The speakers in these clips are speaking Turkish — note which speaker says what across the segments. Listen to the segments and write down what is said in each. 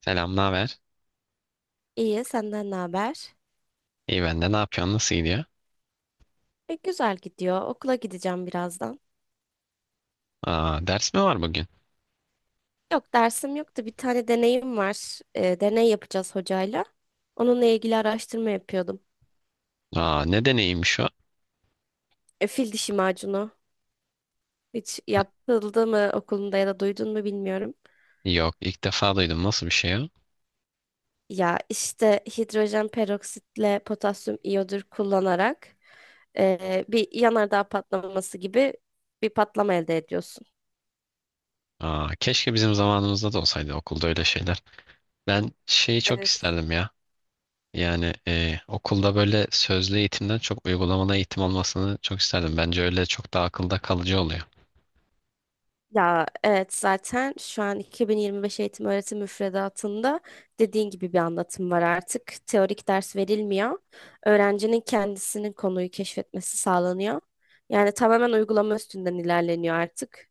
Speaker 1: Selam, ne haber?
Speaker 2: İyi, senden ne haber?
Speaker 1: İyi ben de. Ne yapıyorsun? Nasıl gidiyor?
Speaker 2: Güzel gidiyor. Okula gideceğim birazdan.
Speaker 1: Aa, ders mi var bugün?
Speaker 2: Yok, dersim yoktu. Bir tane deneyim var. Deney yapacağız hocayla. Onunla ilgili araştırma yapıyordum.
Speaker 1: Aa, ne deneyimmiş o?
Speaker 2: Fil dişi macunu. Hiç yapıldı mı okulunda ya da duydun mu bilmiyorum.
Speaker 1: Yok, ilk defa duydum. Nasıl bir şey o?
Speaker 2: Ya işte hidrojen peroksitle potasyum iyodür kullanarak bir yanardağ patlaması gibi bir patlama elde ediyorsun.
Speaker 1: Aa, keşke bizim zamanımızda da olsaydı okulda öyle şeyler. Ben şeyi çok
Speaker 2: E,
Speaker 1: isterdim ya. Yani okulda böyle sözlü eğitimden çok uygulamalı eğitim olmasını çok isterdim. Bence öyle çok daha akılda kalıcı oluyor.
Speaker 2: Ya evet zaten şu an 2025 eğitim öğretim müfredatında dediğin gibi bir anlatım var artık. Teorik ders verilmiyor. Öğrencinin kendisinin konuyu keşfetmesi sağlanıyor. Yani tamamen uygulama üstünden ilerleniyor artık.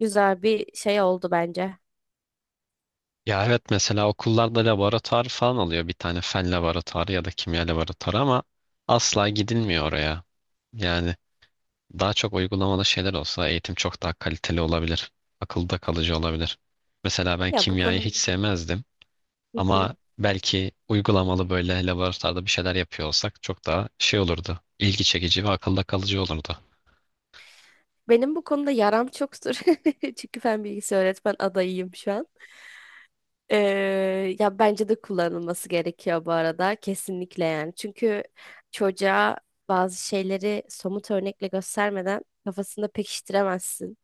Speaker 2: Güzel bir şey oldu bence.
Speaker 1: Ya evet, mesela okullarda laboratuvar falan oluyor. Bir tane fen laboratuvarı ya da kimya laboratuvarı ama asla gidilmiyor oraya. Yani daha çok uygulamalı şeyler olsa eğitim çok daha kaliteli olabilir. Akılda kalıcı olabilir. Mesela ben
Speaker 2: Ya bu
Speaker 1: kimyayı
Speaker 2: konu,
Speaker 1: hiç sevmezdim
Speaker 2: hı hı,
Speaker 1: ama belki uygulamalı böyle laboratuvarda bir şeyler yapıyor olsak çok daha şey olurdu. İlgi çekici ve akılda kalıcı olurdu.
Speaker 2: benim bu konuda yaram çoktur. Çünkü fen bilgisi öğretmen adayıyım şu an. Ya bence de kullanılması gerekiyor bu arada kesinlikle yani. Çünkü çocuğa bazı şeyleri somut örnekle göstermeden kafasında pekiştiremezsin.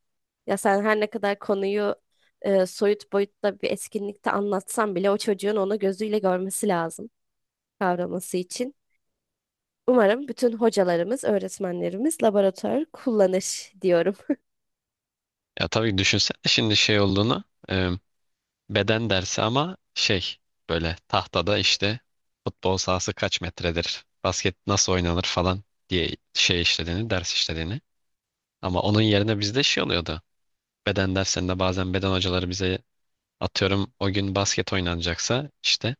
Speaker 2: Ya sen her ne kadar konuyu soyut boyutta bir etkinlikte anlatsan bile o çocuğun onu gözüyle görmesi lazım kavraması için. Umarım bütün hocalarımız, öğretmenlerimiz laboratuvar kullanır diyorum.
Speaker 1: Ya tabii, düşünsene şimdi şey olduğunu, e, beden dersi ama şey, böyle tahtada işte futbol sahası kaç metredir, basket nasıl oynanır falan diye şey işlediğini, ders işlediğini. Ama onun yerine bizde şey oluyordu. Beden derslerinde bazen beden hocaları bize, atıyorum o gün basket oynanacaksa işte,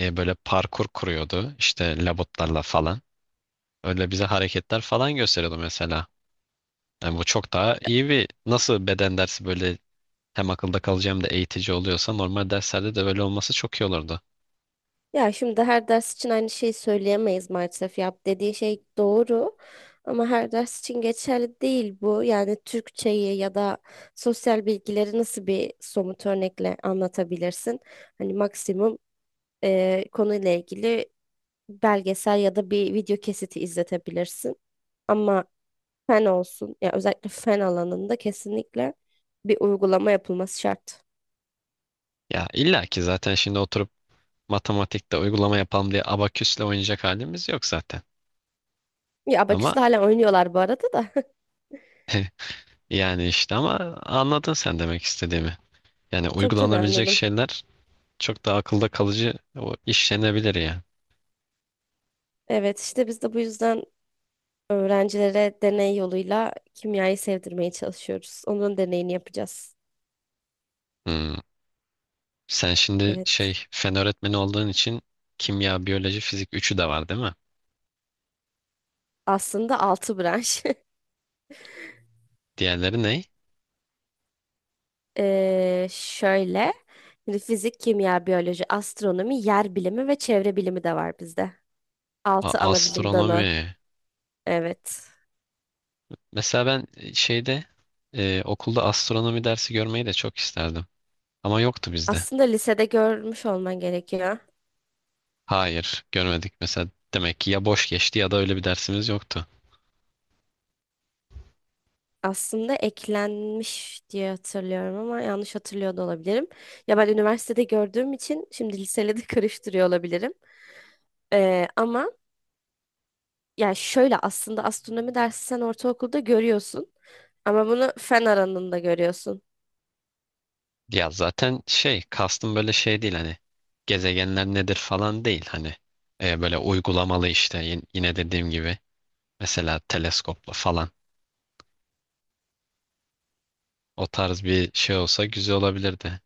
Speaker 1: böyle parkur kuruyordu işte labutlarla falan. Öyle bize hareketler falan gösteriyordu mesela. Yani bu çok daha iyi bir, nasıl beden dersi böyle hem akılda kalıcı hem de eğitici oluyorsa normal derslerde de böyle olması çok iyi olurdu.
Speaker 2: Ya şimdi her ders için aynı şeyi söyleyemeyiz maalesef. Yap dediği şey doğru ama her ders için geçerli değil bu. Yani Türkçeyi ya da sosyal bilgileri nasıl bir somut örnekle anlatabilirsin? Hani maksimum konuyla ilgili belgesel ya da bir video kesiti izletebilirsin. Ama fen olsun ya özellikle fen alanında kesinlikle bir uygulama yapılması şart.
Speaker 1: Ya illa ki zaten şimdi oturup matematikte uygulama yapalım diye abaküsle oynayacak halimiz yok zaten.
Speaker 2: Ya
Speaker 1: Ama
Speaker 2: abaküsle hala oynuyorlar bu arada da.
Speaker 1: yani işte ama anladın sen demek istediğimi. Yani
Speaker 2: Tabii tabii
Speaker 1: uygulanabilecek
Speaker 2: anladım.
Speaker 1: şeyler çok da akılda kalıcı, o işlenebilir ya.
Speaker 2: Evet işte biz de bu yüzden öğrencilere deney yoluyla kimyayı sevdirmeye çalışıyoruz. Onun deneyini yapacağız.
Speaker 1: Hmm. Sen şimdi
Speaker 2: Evet.
Speaker 1: şey, fen öğretmeni olduğun için kimya, biyoloji, fizik üçü de var değil mi?
Speaker 2: Aslında 6 branş.
Speaker 1: Diğerleri ne?
Speaker 2: Şöyle. Şimdi fizik, kimya, biyoloji, astronomi, yer bilimi ve çevre bilimi de var bizde.
Speaker 1: A-
Speaker 2: 6 ana bilim dalı.
Speaker 1: astronomi.
Speaker 2: Evet.
Speaker 1: Mesela ben şeyde, okulda astronomi dersi görmeyi de çok isterdim. Ama yoktu bizde.
Speaker 2: Aslında lisede görmüş olman gerekiyor.
Speaker 1: Hayır, görmedik mesela. Demek ki ya boş geçti ya da öyle bir dersimiz yoktu.
Speaker 2: Aslında eklenmiş diye hatırlıyorum ama yanlış hatırlıyor da olabilirim. Ya ben üniversitede gördüğüm için şimdi liseyle de karıştırıyor olabilirim. Ama Yani şöyle aslında astronomi dersi sen ortaokulda görüyorsun ama bunu fen alanında görüyorsun.
Speaker 1: Ya zaten şey kastım böyle şey değil, hani gezegenler nedir falan değil, hani, böyle uygulamalı işte yine dediğim gibi. Mesela teleskopla falan. O tarz bir şey olsa güzel olabilirdi.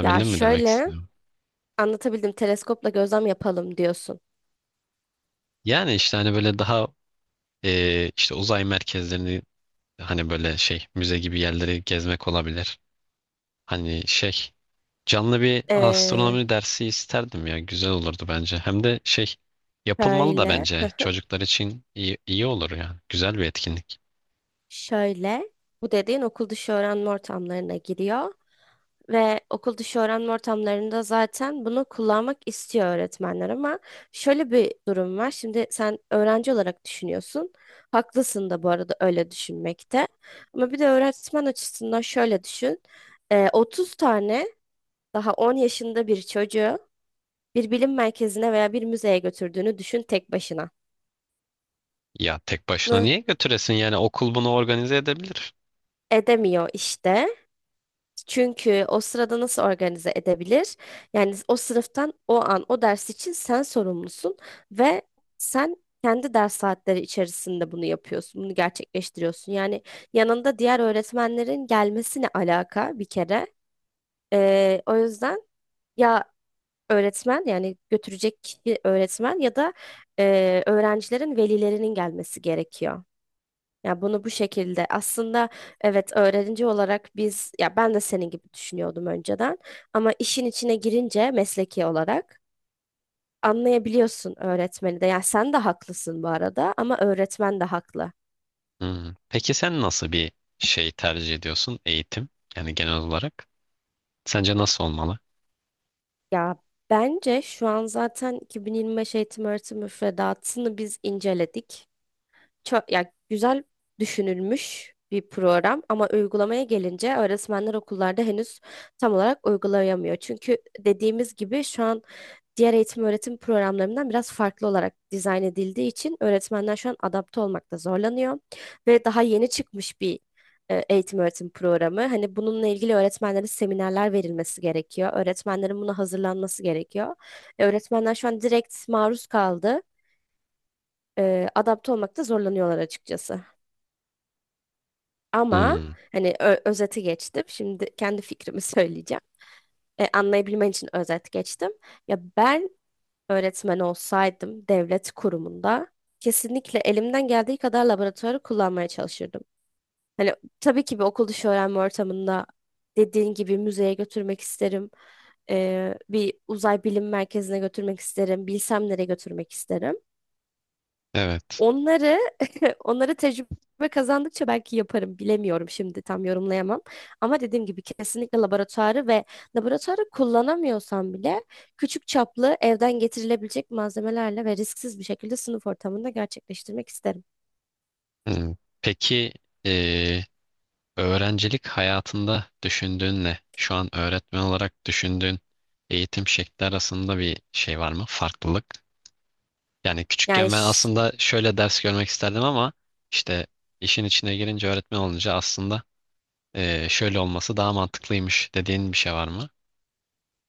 Speaker 2: Ya
Speaker 1: mi demek
Speaker 2: şöyle
Speaker 1: istiyorum?
Speaker 2: anlatabildim, teleskopla gözlem yapalım diyorsun.
Speaker 1: Yani işte hani böyle daha, işte uzay merkezlerini, hani böyle şey, müze gibi yerleri gezmek olabilir. Hani şey, canlı bir
Speaker 2: Ee,
Speaker 1: astronomi dersi isterdim ya, güzel olurdu bence. Hem de şey, yapılmalı da
Speaker 2: şöyle,
Speaker 1: bence, çocuklar için iyi, iyi olur yani. Güzel bir etkinlik.
Speaker 2: şöyle Bu dediğin okul dışı öğrenme ortamlarına giriyor. Ve okul dışı öğrenme ortamlarında zaten bunu kullanmak istiyor öğretmenler ama şöyle bir durum var. Şimdi sen öğrenci olarak düşünüyorsun. Haklısın da bu arada öyle düşünmekte. Ama bir de öğretmen açısından şöyle düşün. 30 tane daha 10 yaşında bir çocuğu bir bilim merkezine veya bir müzeye götürdüğünü düşün tek başına.
Speaker 1: Ya tek başına
Speaker 2: Hı,
Speaker 1: niye götüresin yani, okul bunu organize edebilir.
Speaker 2: edemiyor işte. Çünkü o sırada nasıl organize edebilir? Yani o sınıftan o an o ders için sen sorumlusun ve sen kendi ders saatleri içerisinde bunu yapıyorsun, bunu gerçekleştiriyorsun. Yani yanında diğer öğretmenlerin gelmesine alaka bir kere. O yüzden ya öğretmen, yani götürecek kişi öğretmen ya da öğrencilerin velilerinin gelmesi gerekiyor. Ya bunu bu şekilde aslında evet, öğrenci olarak biz, ya ben de senin gibi düşünüyordum önceden ama işin içine girince mesleki olarak anlayabiliyorsun öğretmeni de. Ya sen de haklısın bu arada ama öğretmen de haklı.
Speaker 1: Hmm. Peki sen nasıl bir şey tercih ediyorsun, eğitim? Yani genel olarak. Sence nasıl olmalı?
Speaker 2: Ya bence şu an zaten 2025 eğitim öğretim müfredatını biz inceledik. Çok ya güzel düşünülmüş bir program ama uygulamaya gelince öğretmenler okullarda henüz tam olarak uygulayamıyor. Çünkü dediğimiz gibi şu an diğer eğitim öğretim programlarından biraz farklı olarak dizayn edildiği için öğretmenler şu an adapte olmakta zorlanıyor ve daha yeni çıkmış bir eğitim öğretim programı. Hani bununla ilgili öğretmenlere seminerler verilmesi gerekiyor. Öğretmenlerin buna hazırlanması gerekiyor. Öğretmenler şu an direkt maruz kaldı. Adapte olmakta zorlanıyorlar açıkçası. Ama
Speaker 1: Hmm.
Speaker 2: hani özeti geçtim. Şimdi kendi fikrimi söyleyeceğim. Anlayabilmen için özet geçtim. Ya ben öğretmen olsaydım devlet kurumunda kesinlikle elimden geldiği kadar laboratuvarı kullanmaya çalışırdım. Hani tabii ki bir okul dışı öğrenme ortamında dediğin gibi müzeye götürmek isterim. Bir uzay bilim merkezine götürmek isterim. Bilsem nereye götürmek isterim.
Speaker 1: Evet.
Speaker 2: Onları onları tecrübe kazandıkça belki yaparım. Bilemiyorum, şimdi tam yorumlayamam. Ama dediğim gibi kesinlikle laboratuvarı ve laboratuvarı kullanamıyorsam bile küçük çaplı evden getirilebilecek malzemelerle ve risksiz bir şekilde sınıf ortamında gerçekleştirmek isterim.
Speaker 1: Hmm. Peki eee, öğrencilik hayatında düşündüğünle şu an öğretmen olarak düşündüğün eğitim şekli arasında bir şey var mı? Farklılık. Yani
Speaker 2: Yani,
Speaker 1: küçükken ben aslında şöyle ders görmek isterdim ama işte, işin içine girince, öğretmen olunca aslında şöyle olması daha mantıklıymış dediğin bir şey var mı?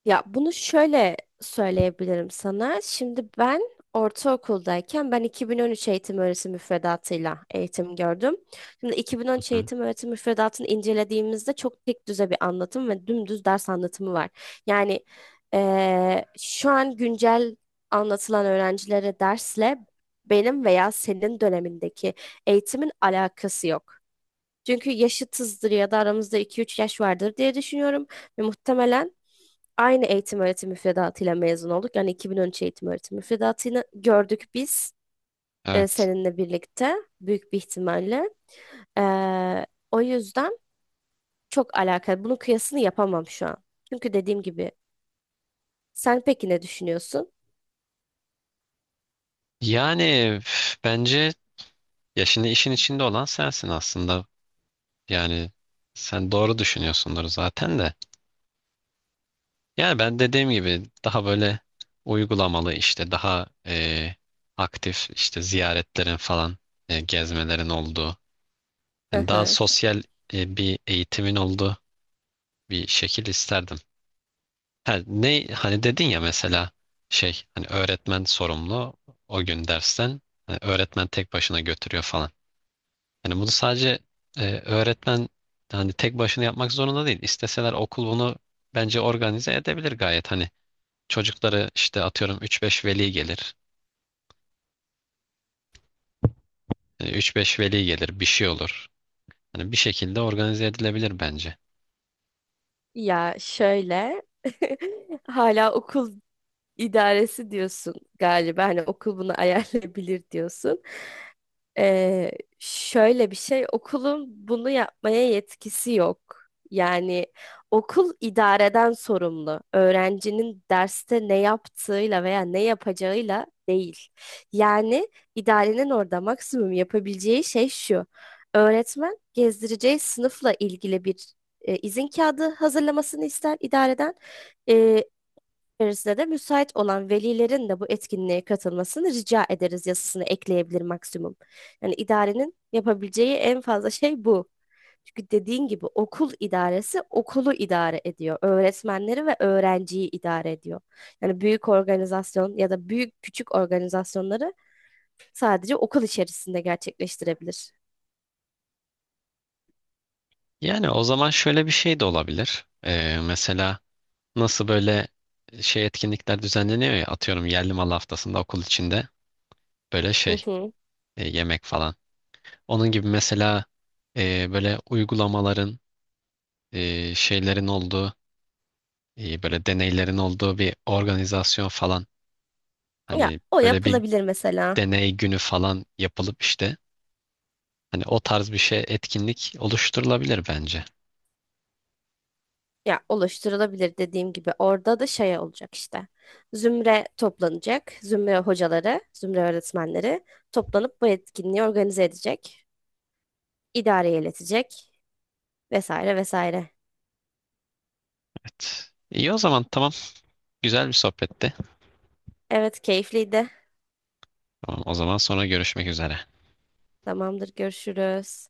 Speaker 2: ya bunu şöyle söyleyebilirim sana. Şimdi ben ortaokuldayken, ben 2013 eğitim öğretim müfredatıyla eğitim gördüm. Şimdi
Speaker 1: Hı
Speaker 2: 2013
Speaker 1: hı.
Speaker 2: eğitim öğretim müfredatını incelediğimizde çok tek düze bir anlatım ve dümdüz ders anlatımı var. Yani şu an güncel anlatılan öğrencilere dersle benim veya senin dönemindeki eğitimin alakası yok. Çünkü yaşıtızdır ya da aramızda 2-3 yaş vardır diye düşünüyorum ve muhtemelen aynı eğitim öğretim müfredatıyla mezun olduk. Yani 2013 eğitim öğretim müfredatını gördük biz,
Speaker 1: Evet.
Speaker 2: seninle birlikte büyük bir ihtimalle. Eee, O yüzden çok alakalı. Bunun kıyasını yapamam şu an. Çünkü dediğim gibi, sen peki ne düşünüyorsun?
Speaker 1: Yani üf, bence, ya şimdi işin içinde olan sensin aslında. Yani sen doğru düşünüyorsundur zaten de. Yani ben dediğim gibi daha böyle uygulamalı, işte daha aktif, işte ziyaretlerin falan, gezmelerin olduğu.
Speaker 2: Hı
Speaker 1: Yani daha
Speaker 2: hı.
Speaker 1: sosyal, bir eğitimin olduğu bir şekil isterdim. Ha, ne, hani dedin ya mesela, şey, hani öğretmen sorumlu o gün dersten, hani öğretmen tek başına götürüyor falan. Yani bunu sadece öğretmen, hani tek başına yapmak zorunda değil. İsteseler okul bunu bence organize edebilir gayet. Hani çocukları işte atıyorum üç beş veli gelir. E, 3-5 veli gelir, bir şey olur. Hani bir şekilde organize edilebilir bence.
Speaker 2: Ya şöyle, hala okul idaresi diyorsun galiba, hani okul bunu ayarlayabilir diyorsun. Ee, Şöyle bir şey, okulun bunu yapmaya yetkisi yok. Yani okul idareden sorumlu. Öğrencinin derste ne yaptığıyla veya ne yapacağıyla değil. Yani idarenin orada maksimum yapabileceği şey şu. Öğretmen gezdireceği sınıfla ilgili bir izin kağıdı hazırlamasını ister idareden, içerisinde de müsait olan velilerin de bu etkinliğe katılmasını rica ederiz yazısını ekleyebilir maksimum. Yani idarenin yapabileceği en fazla şey bu. Çünkü dediğin gibi okul idaresi okulu idare ediyor. Öğretmenleri ve öğrenciyi idare ediyor. Yani büyük organizasyon ya da büyük küçük organizasyonları sadece okul içerisinde gerçekleştirebilir.
Speaker 1: Yani o zaman şöyle bir şey de olabilir. E, mesela nasıl böyle şey etkinlikler düzenleniyor ya, atıyorum yerli mal haftasında okul içinde böyle
Speaker 2: Hı
Speaker 1: şey,
Speaker 2: hı.
Speaker 1: yemek falan. Onun gibi mesela, böyle uygulamaların, şeylerin olduğu, İyi böyle deneylerin olduğu bir organizasyon falan,
Speaker 2: Ya
Speaker 1: hani
Speaker 2: o
Speaker 1: böyle bir
Speaker 2: yapılabilir mesela.
Speaker 1: deney günü falan yapılıp işte, hani o tarz bir şey etkinlik oluşturulabilir bence.
Speaker 2: Ya oluşturulabilir, dediğim gibi orada da şey olacak işte. Zümre toplanacak. Zümre hocaları, zümre öğretmenleri toplanıp bu etkinliği organize edecek. İdareye iletecek, vesaire vesaire.
Speaker 1: Evet. İyi, o zaman tamam. Güzel bir sohbetti.
Speaker 2: Evet, keyifliydi.
Speaker 1: Tamam, o zaman sonra görüşmek üzere.
Speaker 2: Tamamdır, görüşürüz.